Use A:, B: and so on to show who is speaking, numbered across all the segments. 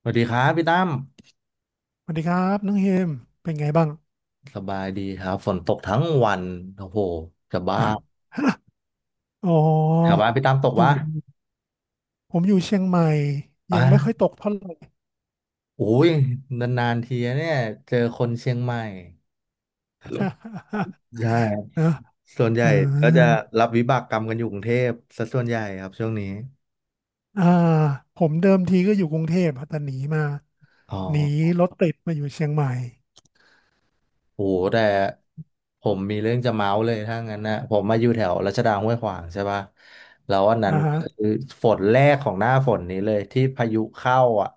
A: สวัสดีครับพี่ตั้ม
B: สวัสดีครับน้องเฮมเป็นไงบ้าง
A: สบายดีครับฝนตกทั้งวันโอ้โหจะบ้า
B: อ๋อ
A: ถามว่าพี่ตั้มตก
B: อยู่
A: วะ
B: ผมอยู่เชียงใหม่ยั
A: อ่ะ
B: งไม่ค่อยตกเท่าไหร่
A: โอ้ย นานๆทีอะเนี่ยเจอคนเชียงใหม่ใช่ครับ
B: นะ
A: ส่วนใหญ่
B: อ่
A: ก็จะ
B: า
A: รับวิบากกรรมกันอยู่กรุงเทพซะส่วนใหญ่ครับช่วงนี้
B: อ่าผมเดิมทีก็อยู่กรุงเทพอะแต่หนีมา
A: อ๋อ
B: หนีรถติดมาอยู่เชียงใหม่
A: โหแต่ผมมีเรื่องจะเมาส์เลยถ้างั้นนะผมมาอยู่แถวรัชดาห้วยขวางใช่ปะแล้ววันนั้
B: อ่า
A: น
B: ฮะ
A: คือฝนแรกของหน้าฝนนี้เลยที่พายุเข้าอ่ะ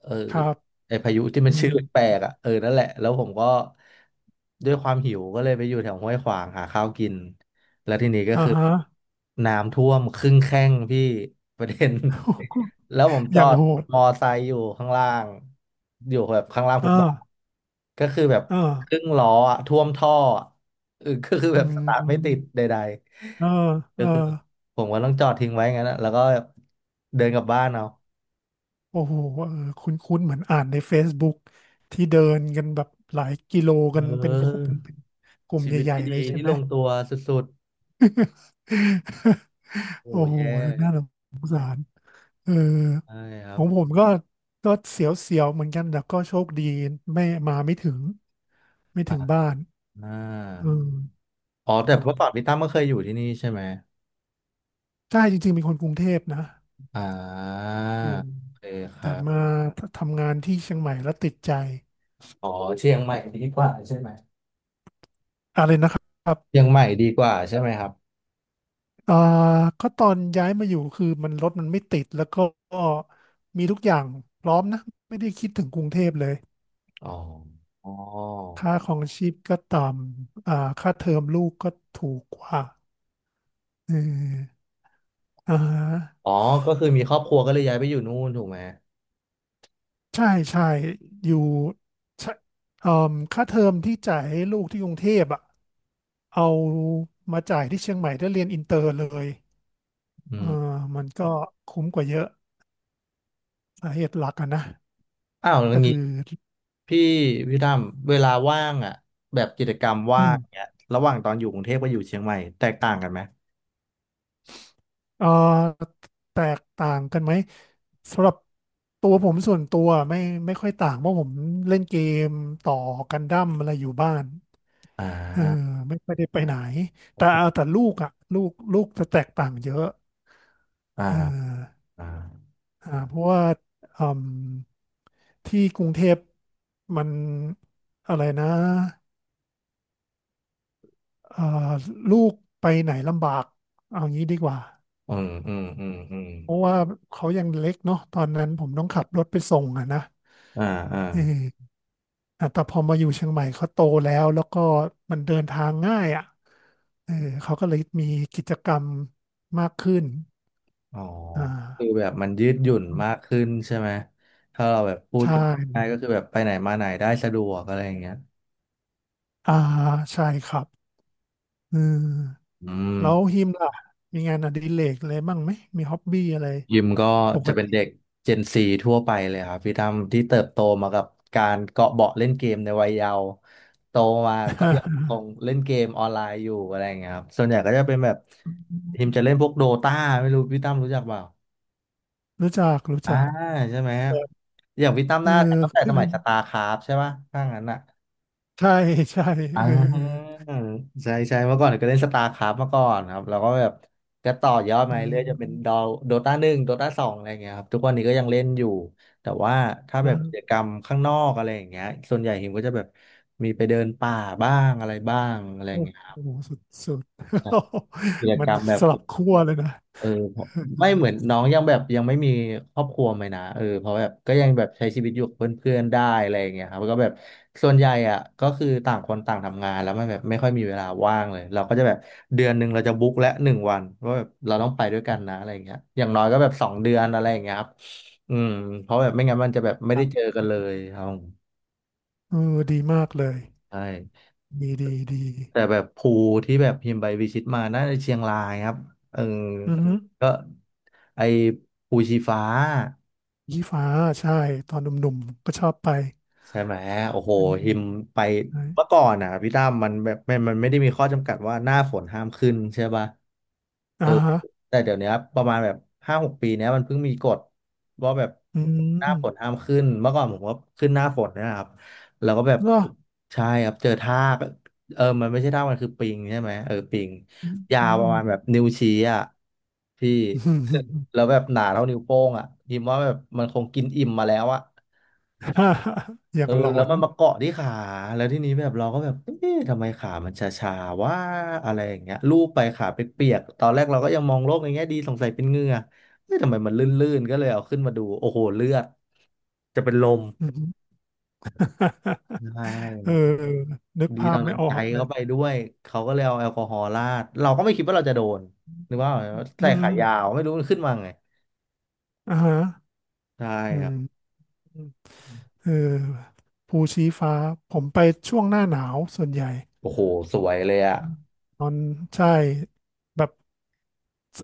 A: เออ
B: ครับ
A: ไอพายุที่มั
B: อื
A: นชื่อ
B: ม
A: แปลกๆอ่ะเออนั่นแหละแล้วผมก็ด้วยความหิวก็เลยไปอยู่แถวห้วยขวางหาข้าวกินแล้วทีนี้ก็
B: อ่า
A: คือ
B: ฮะ
A: น้ำท่วมครึ่งแข้งพี่ประเด็น แล้วผม จ
B: อ
A: อ
B: ย่าง
A: ด
B: โหด
A: มอไซค์อยู่ข้างล่างอยู่แบบข้างล่างฟุ
B: อ่า
A: ตบาทก็คือแบบ
B: อ่า
A: ครึ่งล้ออะท่วมท่ออะก็คือแบ
B: อื
A: บสตาร์ทไม่ติด
B: ม
A: ใด
B: อ่า
A: ๆก็
B: อ่า
A: คือผมก็ต้องจอดทิ้งไว้งั้นอะแล้วก็แบบเดินกลับบ้านเอา
B: โอ้โหเออคุ้นๆเหมือนอ่านใน Facebook ที่เดินกันแบบหลายกิโล
A: เออ
B: กันเป็นคู่เป็นกลุ่ม
A: ชีวิต
B: ใหญ่
A: ที่
B: ๆ
A: ดี
B: เลยใช่
A: ที่
B: ไหม
A: ลงตัวสุด ๆโอ้
B: โอ้โห
A: แย่
B: น่าสงสารเออ
A: ใช่ครั
B: ข
A: บ
B: องผมก็เสียวๆ เหมือนกันแต่ก็โชคดีไม่มาไม่ถึง ไม่
A: อ่า
B: ถึงบ้าน
A: อ่
B: เอ
A: า
B: อ
A: อ๋อ
B: ตอ
A: แต่
B: น
A: เมื่อก่อนพี่ตั้มก็เคยอยู่ที่นี่ใช่ไหม
B: ใช่จริงๆเป็นคนกรุงเทพนะ
A: อ่า
B: อยู่
A: โอเคค
B: แต่
A: รั
B: มา
A: บ
B: ทำงานที่เชียงใหม่แล้วติดใจ
A: อ๋อเชียงใหม่ดีกว่าใช่ไหม
B: อะไรนะครับ
A: เชียงใหม่ดีกว่าใช่ไหมครับ
B: อ่าก็ตอนย้ายมาอยู่คือมันรถมันไม่ติด แล้วก็มีทุกอย่างพร้อมนะ ไม่ได้คิดถึงกรุงเทพเลย
A: อ๋ออ๋อ
B: ค่าของชีพก็ต่ำอ่าค่าเทอมลูกก็ถูกกว่าเอออ่าฮะ
A: อ๋อก็คือมีครอบครัวก็เลยย้ายไปอยู่นู่นถูกไหม
B: ใช่ใช่อยู่ใช่เอ่อค่าเทอมที่จ่ายให้ลูกที่กรุงเทพอ่ะเอามาจ่ายที่เชียงใหม่ได้เรียนอินเตอร์เลย
A: อื
B: เอ
A: ม
B: อมันก็คุ้มกว่าเยอะสาเหตุหลักอะนะ
A: อ้าวแล้ว
B: ก็
A: งี้
B: คือ
A: พี่พี่ตั้มเวลาว่างอ่ะแบบกิจกรรม
B: อื
A: ว่า
B: ม
A: งเนี้ยระหว่างตอนอยู่กรุงเทพกับอยู่เชียงใหม่แตกต่างกันไหม
B: เอ่อแตกต่างกันไหม สำหรับตัวผมส่วนตัวไม่ค่อยต่างเพราะผมเล่นเกมต่อกันดั้มอะไรอยู่บ้าน
A: อ่
B: เออ
A: า
B: ไม่ได้ไปไหนแต่เอาแต่ลูกอ่ะลูกจะแตกต่างเยอะ
A: อ่า
B: เออ
A: อ่า
B: อ่าเพราะว่าอืมที่กรุงเทพมันอะไรนะเอ่อลูกไปไหนลำบากเอางี้ดีกว่า
A: อืมอืมอืมอืม
B: เพราะว่าเขายังเล็กเนาะตอนนั้นผมต้องขับรถไปส่งอะนะ
A: อ่าอ่า
B: เอออ่ะแต่พอมาอยู่เชียงใหม่เขาโตแล้วก็มันเดินทางง่ายอ่ะเออเขาก็เลยมีกิจกรรมมากขึ้น
A: อ๋อ
B: อ่
A: คือ
B: า
A: แบบมันยืดหยุ่นมากขึ้นใช่ไหมถ้าเราแบบพูด
B: ใช่
A: กันง่ายๆก็คือแบบไปไหนมาไหนได้สะดวกอะไรอย่างเงี้ย
B: อ่า ใช่ครับอืม
A: อืม
B: แล้วฮิมล่ะมีงานอดิเรกอะไรบ้างไหม มีฮ็อบบี้อะไร
A: ยิมก็
B: ปก
A: จะเป็น
B: ติ
A: เด็ก Gen 4ทั่วไปเลยครับพี่ตั้มที่เติบโตมากับการเกาะเบาะเล่นเกมในวัยเยาว์โตมาก็ยังค งเล่นเกมออนไลน์อยู่อะไรอย่างเงี้ยครับส่วนใหญ่ก็จะเป็นแบบทีมจะเล่นพวกโดตาไม่รู้พี่ตั้มรู้จักเปล่า
B: รู้จัก รู้
A: อ่า
B: จัก
A: ใช่ไหมครับอย่างพี่ตั้ม
B: เออ
A: น่าจะตั้งแต่
B: คือ
A: สมัยสตาร์คราฟใช่ป่ะถ้างั้นอ่ะ
B: ใช่ ใช่
A: อ่
B: เออ
A: าใช่ใช่เมื่อก่อนก็เล่นสตาร์คราฟมาก่อนครับแล้วก็แบบก็ต่อยอด
B: อื
A: มาเรื่อยจะเป็น
B: ม
A: โดตาหนึ่งโดตาสองอะไรอย่างเงี้ยครับทุกวันนี้ก็ยังเล่นอยู่แต่ว่าถ้าแบ
B: นะ
A: บกิจกรรมข้างนอกอะไรอย่างเงี้ยส่วนใหญ่หิมก็จะแบบมีไปเดินป่าบ้างอะไรบ้างอะไรอ
B: โอ้
A: ย่างเงี้ยครับ
B: โห สุด สุด
A: ใช่กิจ
B: มั
A: ก
B: น
A: รรมแบ
B: ส
A: บ
B: ลับขั้วเลยนะ
A: เออเพราะ
B: เอ
A: ไม่เห
B: อ
A: มือนน้องยังแบบยังไม่มีครอบครัวไหมนะเออเพราะแบบก็ยังแบบใช้ชีวิตอยู่กับเพื่อนๆได้อะไรอย่างเงี้ยครับแล้วก็แบบส่วนใหญ่อ่ะก็คือต่างคนต่างทำงานแล้วมันแบบไม่ค่อยมีเวลาว่างเลยเราก็จะแบบเดือนหนึ่งเราจะบุ๊กและหนึ่งวันว่าแบบเราต้องไปด้วยกันนะอะไรอย่างเงี้ยอย่างน้อยก็แบบสองเดือนอะไรอย่างเงี้ยครับอืมเพราะแบบไม่งั้นมันจะแบบไม่
B: ดั
A: ได้
B: ง
A: เจอกันเลยครับ
B: เออดีมากเลย
A: ใช่
B: ดี
A: แต่แบบภูที่แบบพิมพ์ใบวิชิตมาน่าจะเชียงรายครับเออ
B: อือฮึ
A: ก็ไอภูชีฟ้า
B: ยี่ฟ้าใช่ตอนหนุ่มๆก็ชอบไป
A: ใช่ไหมโอ้โห
B: อืม
A: หิมไป
B: ใช่
A: เมื่อก่อนอ่ะพี่ตั้มมันแบบมันไม่ได้มีข้อจำกัดว่าหน้าฝนห้ามขึ้นใช่ป่ะเอ
B: อ่า
A: อ
B: ฮะ
A: แต่เดี๋ยวเนี้ยประมาณแบบห้าหกปีเนี้ยมันเพิ่งมีกฎว่าแบบ
B: อื
A: หน้า
B: ม
A: ฝนห้ามขึ้นเมื่อก่อนผมก็ขึ้นหน้าฝนเนยนะครับแล้วก็แบบ
B: เหรอ
A: ใช่ครับเจอทากเออมันไม่ใช่ทากมันคือปิงใช่ไหมเออปิง
B: อืม
A: ยา
B: อื
A: วป
B: ม
A: ระมาณแบบนิ้วชี้อ่ะพี่
B: อืม
A: แล้วแบบหนาเท่านิ้วโป้งอ่ะหิมว่าแบบมันคงกินอิ่มมาแล้วอ่ะ
B: อ
A: เอ
B: ย่าง
A: อ
B: หลอ
A: แล้ว
B: น
A: มันมาเกาะที่ขาแล้วที่นี้แบบเราก็แบบเอ๊ะทำไมขามันชาๆว่าอะไรอย่างเงี้ยลูบไปขาเปียกๆตอนแรกเราก็ยังมองโลกในแง่ดีสงสัยเป็นเหงื่อเอ๊ะทำไมมันลื่นๆก็เลยเอาขึ้นมาดูโอ้โหเลือดจะเป็นลม
B: อืม
A: ใช
B: เออ
A: ่
B: นึก
A: ดี
B: ภา
A: ต
B: พ
A: อน
B: ไม่
A: นั้น
B: ออ
A: ใจ
B: กเลย
A: เขาไปด้วยเขาก็เลยเอาแอลกอฮอล์ราดเราก็ไม่คิดว่าเราจะโดนนึกว่า
B: อื
A: ใส่
B: ม
A: ขายาวไม่รู้มันขึ้นมาไง
B: อ่าฮะ
A: ใช่
B: อื
A: ครั
B: ม
A: บ
B: อืมเออภูชี้ฟ้า ผมไปช่วงหน้าหนาวส่วนใหญ่
A: โอ้โหสวยเลยอ่ะ
B: อืมตอนใช่ แบบ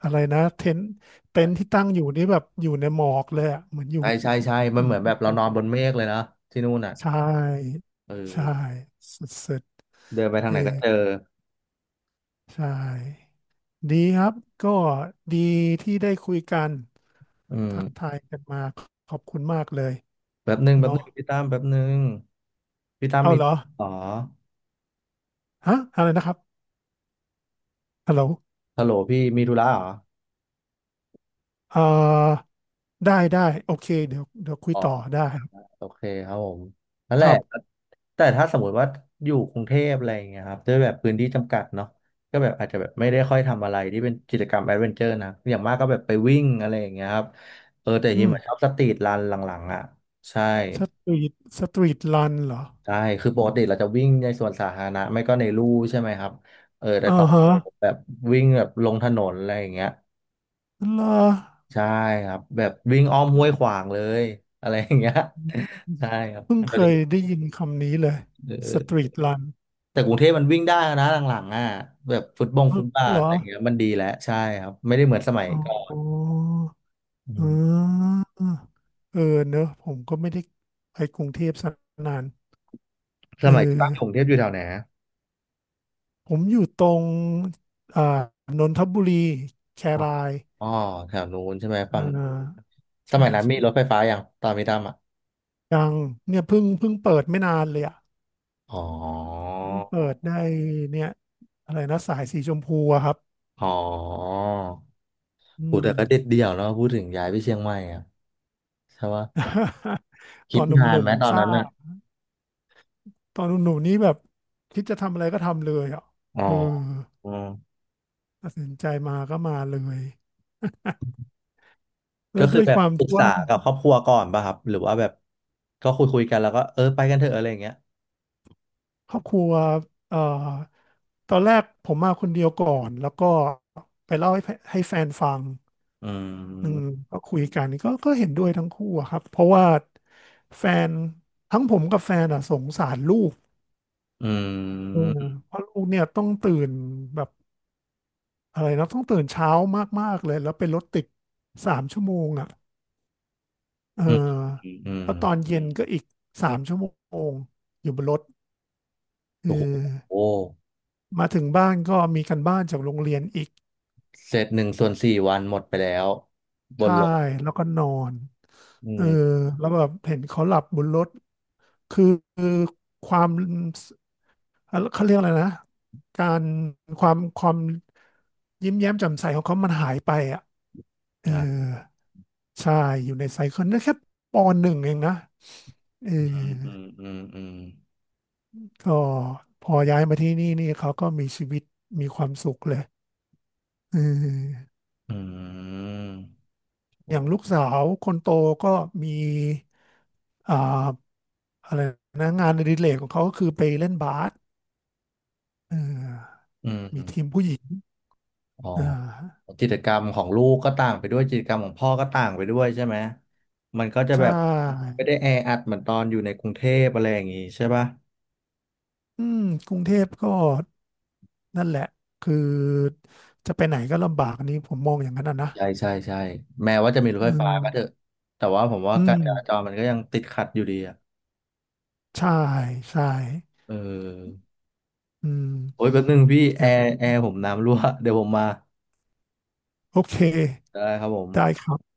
B: อะไรนะเต็นท์เต็นท์ที่ตั้งอยู่นี่แบบอยู่ในหมอกเลยอะเหมือนอยู่
A: ใช่ใช่ใช่มัน
B: เห
A: เห
B: มือ
A: มื
B: น
A: อน
B: อ
A: แบบ
B: ยู่
A: เรานอนบนเมฆเลยนะที่นู่นอ่ะ
B: ใช่
A: เอ
B: ใช่
A: อ
B: สุด
A: เดินไป
B: ๆ
A: ทา
B: เอ
A: ง
B: อ
A: ไหนก็เจอ
B: ใช่ดีครับก็ดีที่ได้คุยกัน
A: อืม
B: ทักทายกันมาขอบคุณมากเลย
A: แป๊บหนึ่งแป๊บห
B: เนาะ
A: นึ่งพี่ตั้มแป๊บหนึ่งพี่ตั้ม
B: เอา
A: มี
B: เหรอ
A: อ๋อ
B: ฮะอะไรนะครับฮัลโหล
A: ฮัลโหลพี่มีธุระเหรอ
B: เอ่อได้ได้โอเคเดี๋ยวคุย
A: อ๋อ
B: ต่อได้ครับ
A: โอเคครับผม นั่นแห
B: ค
A: ละ
B: รับ
A: แต่ถ้าสมมติว่าอยู่กรุงเทพอะไรอย่างเงี้ยครับด้วยแบบพื้นที่จำกัดเนาะก็แบบอาจจะแบบไม่ได้ค่อยทำอะไรที่เป็นกิจกรรมแอดเวนเจอร์นะอย่างมากก็แบบไปวิ่งอะไรอย่างเงี้ยครับเออแต่ฮิ
B: อื
A: ม
B: ม
A: อะชอบสตรีทรันหลังๆอ่ะใช่
B: สตรีทสตรีทรันเหรอ
A: ใช่คือปกติเราจะวิ่งในสวนสาธารณะไม่ก็ในลู่ใช่ไหมครับเออแต่
B: อ่า
A: ตอน
B: ฮะ
A: นั้นผมแบบวิ่งแบบลงถนนอะไรอย่างเงี้ย
B: เหรอ
A: ใช่ครับแบบวิ่งอ้อมห้วยขวางเลยอะไรอย่างเงี้ย ใช่ครับ
B: เพิ่ง
A: เดี๋
B: เค
A: ยวนี้
B: ยได้ยินคำนี้เลย
A: เ
B: สตรี
A: ออ
B: ทรัน
A: แต่กรุงเทพมันวิ่งได้นะหลังๆอ่ะแบบฟุตบงฟุตบา
B: เห
A: ท
B: รอ
A: อะไรอย่างเงี้ยมันดีแล้วใช่ครับไม่ได้เหมือนสมัย
B: อ
A: ก่อน
B: ๋อ
A: อื
B: อ๋
A: ม
B: อเออเนอะผมก็ไม่ได้ไปกรุงเทพสกนาน
A: ส
B: เอ
A: มัยที่
B: อ
A: ตั้งกรุงเทพอยู่แถวไหนอะ
B: ผมอยู่ตรงอ่านนทบุรีแคราย
A: อ๋อแถวนู้นใช่ไหม
B: อ่
A: ฝั่ง
B: า
A: ส
B: ใช่
A: มัยนั้นมี
B: ใช่
A: รถไฟฟ้ายังตอนพี่ตั้มอ่ะ
B: ยังเนี่ยเพิ่งเปิดไม่นานเลยอ่ะ
A: อ๋อ
B: เพิ่งเปิดได้เนี่ยอะไรนะสายสีชมพูอะครับ
A: อ๋อ
B: อื
A: โห
B: ม
A: แต่ก็เด็ดเดี่ยวเนาะพูดถึงย้ายไปเชียงใหม่อะใช่ปะ
B: ต
A: คิ
B: อ
A: ด
B: นห
A: นาน
B: นุ่
A: ไห
B: ม
A: มตอ
B: ๆท
A: น
B: รา
A: นั้นอะ
B: บตอนหนุ่มๆนี่แบบคิดจะทำอะไรก็ทำเลยอ่ะ
A: อ๋อ
B: เออ
A: อืม
B: ตัดสินใจมาก็มาเลยแล้
A: ก็
B: ว
A: คื
B: ด้
A: อ
B: วย
A: แบ
B: ค
A: บ
B: วาม
A: ปรึก
B: ที่
A: ษา
B: ว่า
A: กับครอบครัวก่อนป่ะครับหรือว่าแบบก็คุยกันแล้วก็เออไปกันเถอะอะไรอย่างเงี้ย
B: ครอบครัวเอ่อตอนแรกผมมาคนเดียวก่อน แล้วก็ไปเล่าให้แฟนฟัง
A: อื
B: อืม
A: ม
B: ก็คุยกันก็เห็นด้วยทั้งคู่อะครับ เพราะว่าแฟนทั้งผมกับแฟนอ่ะสงสารลูก
A: อื
B: เออ
A: ม
B: เพราะลูกเนี่ยต้องตื่นแบบอะไรนะต้องตื่นเช้ามากๆเลยแล้วเป็นรถติดสามชั่วโมงอ่ะเอ
A: อืม
B: อ
A: อืมอืม
B: แล้วตอนเย็นก็อีกสามชั่วโมงอยู่บนรถเอ
A: โอ้โห
B: อมาถึงบ้านก็มีการบ้านจากโรงเรียนอีก
A: เสร็จหนึ่งส่วนสี่วันหมดไปแล้วบน
B: ใช่
A: รถ
B: แล้วก็นอน
A: อื
B: เออ
A: ม
B: แล้วแบบเห็นเขาหลับบนรถคือคือความเขาเรียกอะไรนะ การความยิ้มแย้มแจ่มใสของเขามันหายไปอ่ะเออ
A: อ่ะ
B: ใช่ อยู่ในไซเคิลนั่นแค่ปหนึ่งเองนะเออ
A: อืมอืมอืมอืม
B: ก็พอย้ายมาที่นี่นี่เขาก็มีชีวิตมีความสุขเลยเออ
A: อืมโอ้
B: อย่างลูกสาวคนโตก็มีอ่า อะไรนะงานอดิเรกของเขาก็คือไปเล่นบาสเออ
A: อื
B: มีที
A: ม
B: มผู้หญิง
A: อ๋อ
B: อ่า
A: กิจกรรมของลูกก็ต่างไปด้วยกิจกรรมของพ่อก็ต่างไปด้วยใช่ไหมมันก็จะ
B: ใช
A: แบบ
B: ่
A: ไม่ได้แออัดเหมือนตอนอยู่ในกรุงเทพอะไรอย่างงี้ใช่ปะ
B: อืมกรุงเทพก็นั่นแหละคือจะไปไหนก็ลำบากอันนี้ผมมองอย่างนั้นอะนะ
A: ใช่ใช่ใช่แม้ว่าจะมีรถ
B: อื
A: ไฟฟ้าก็เถอะ
B: ม
A: แต่ว่าผมว่า
B: อื
A: การ
B: ม
A: จราจรมันก็ยังติดขัดอยู่ดีอ่ะ
B: ใช่ใช่
A: เออ
B: อื
A: โอ้ย
B: ม
A: แป๊บนึงพี่
B: อ
A: แอ
B: ย่าง
A: ร์แอร์ผมน้ำรั่วเดี๋ยวผมมา
B: โอเค
A: ได้ครับผ
B: ได้
A: ม
B: ครับ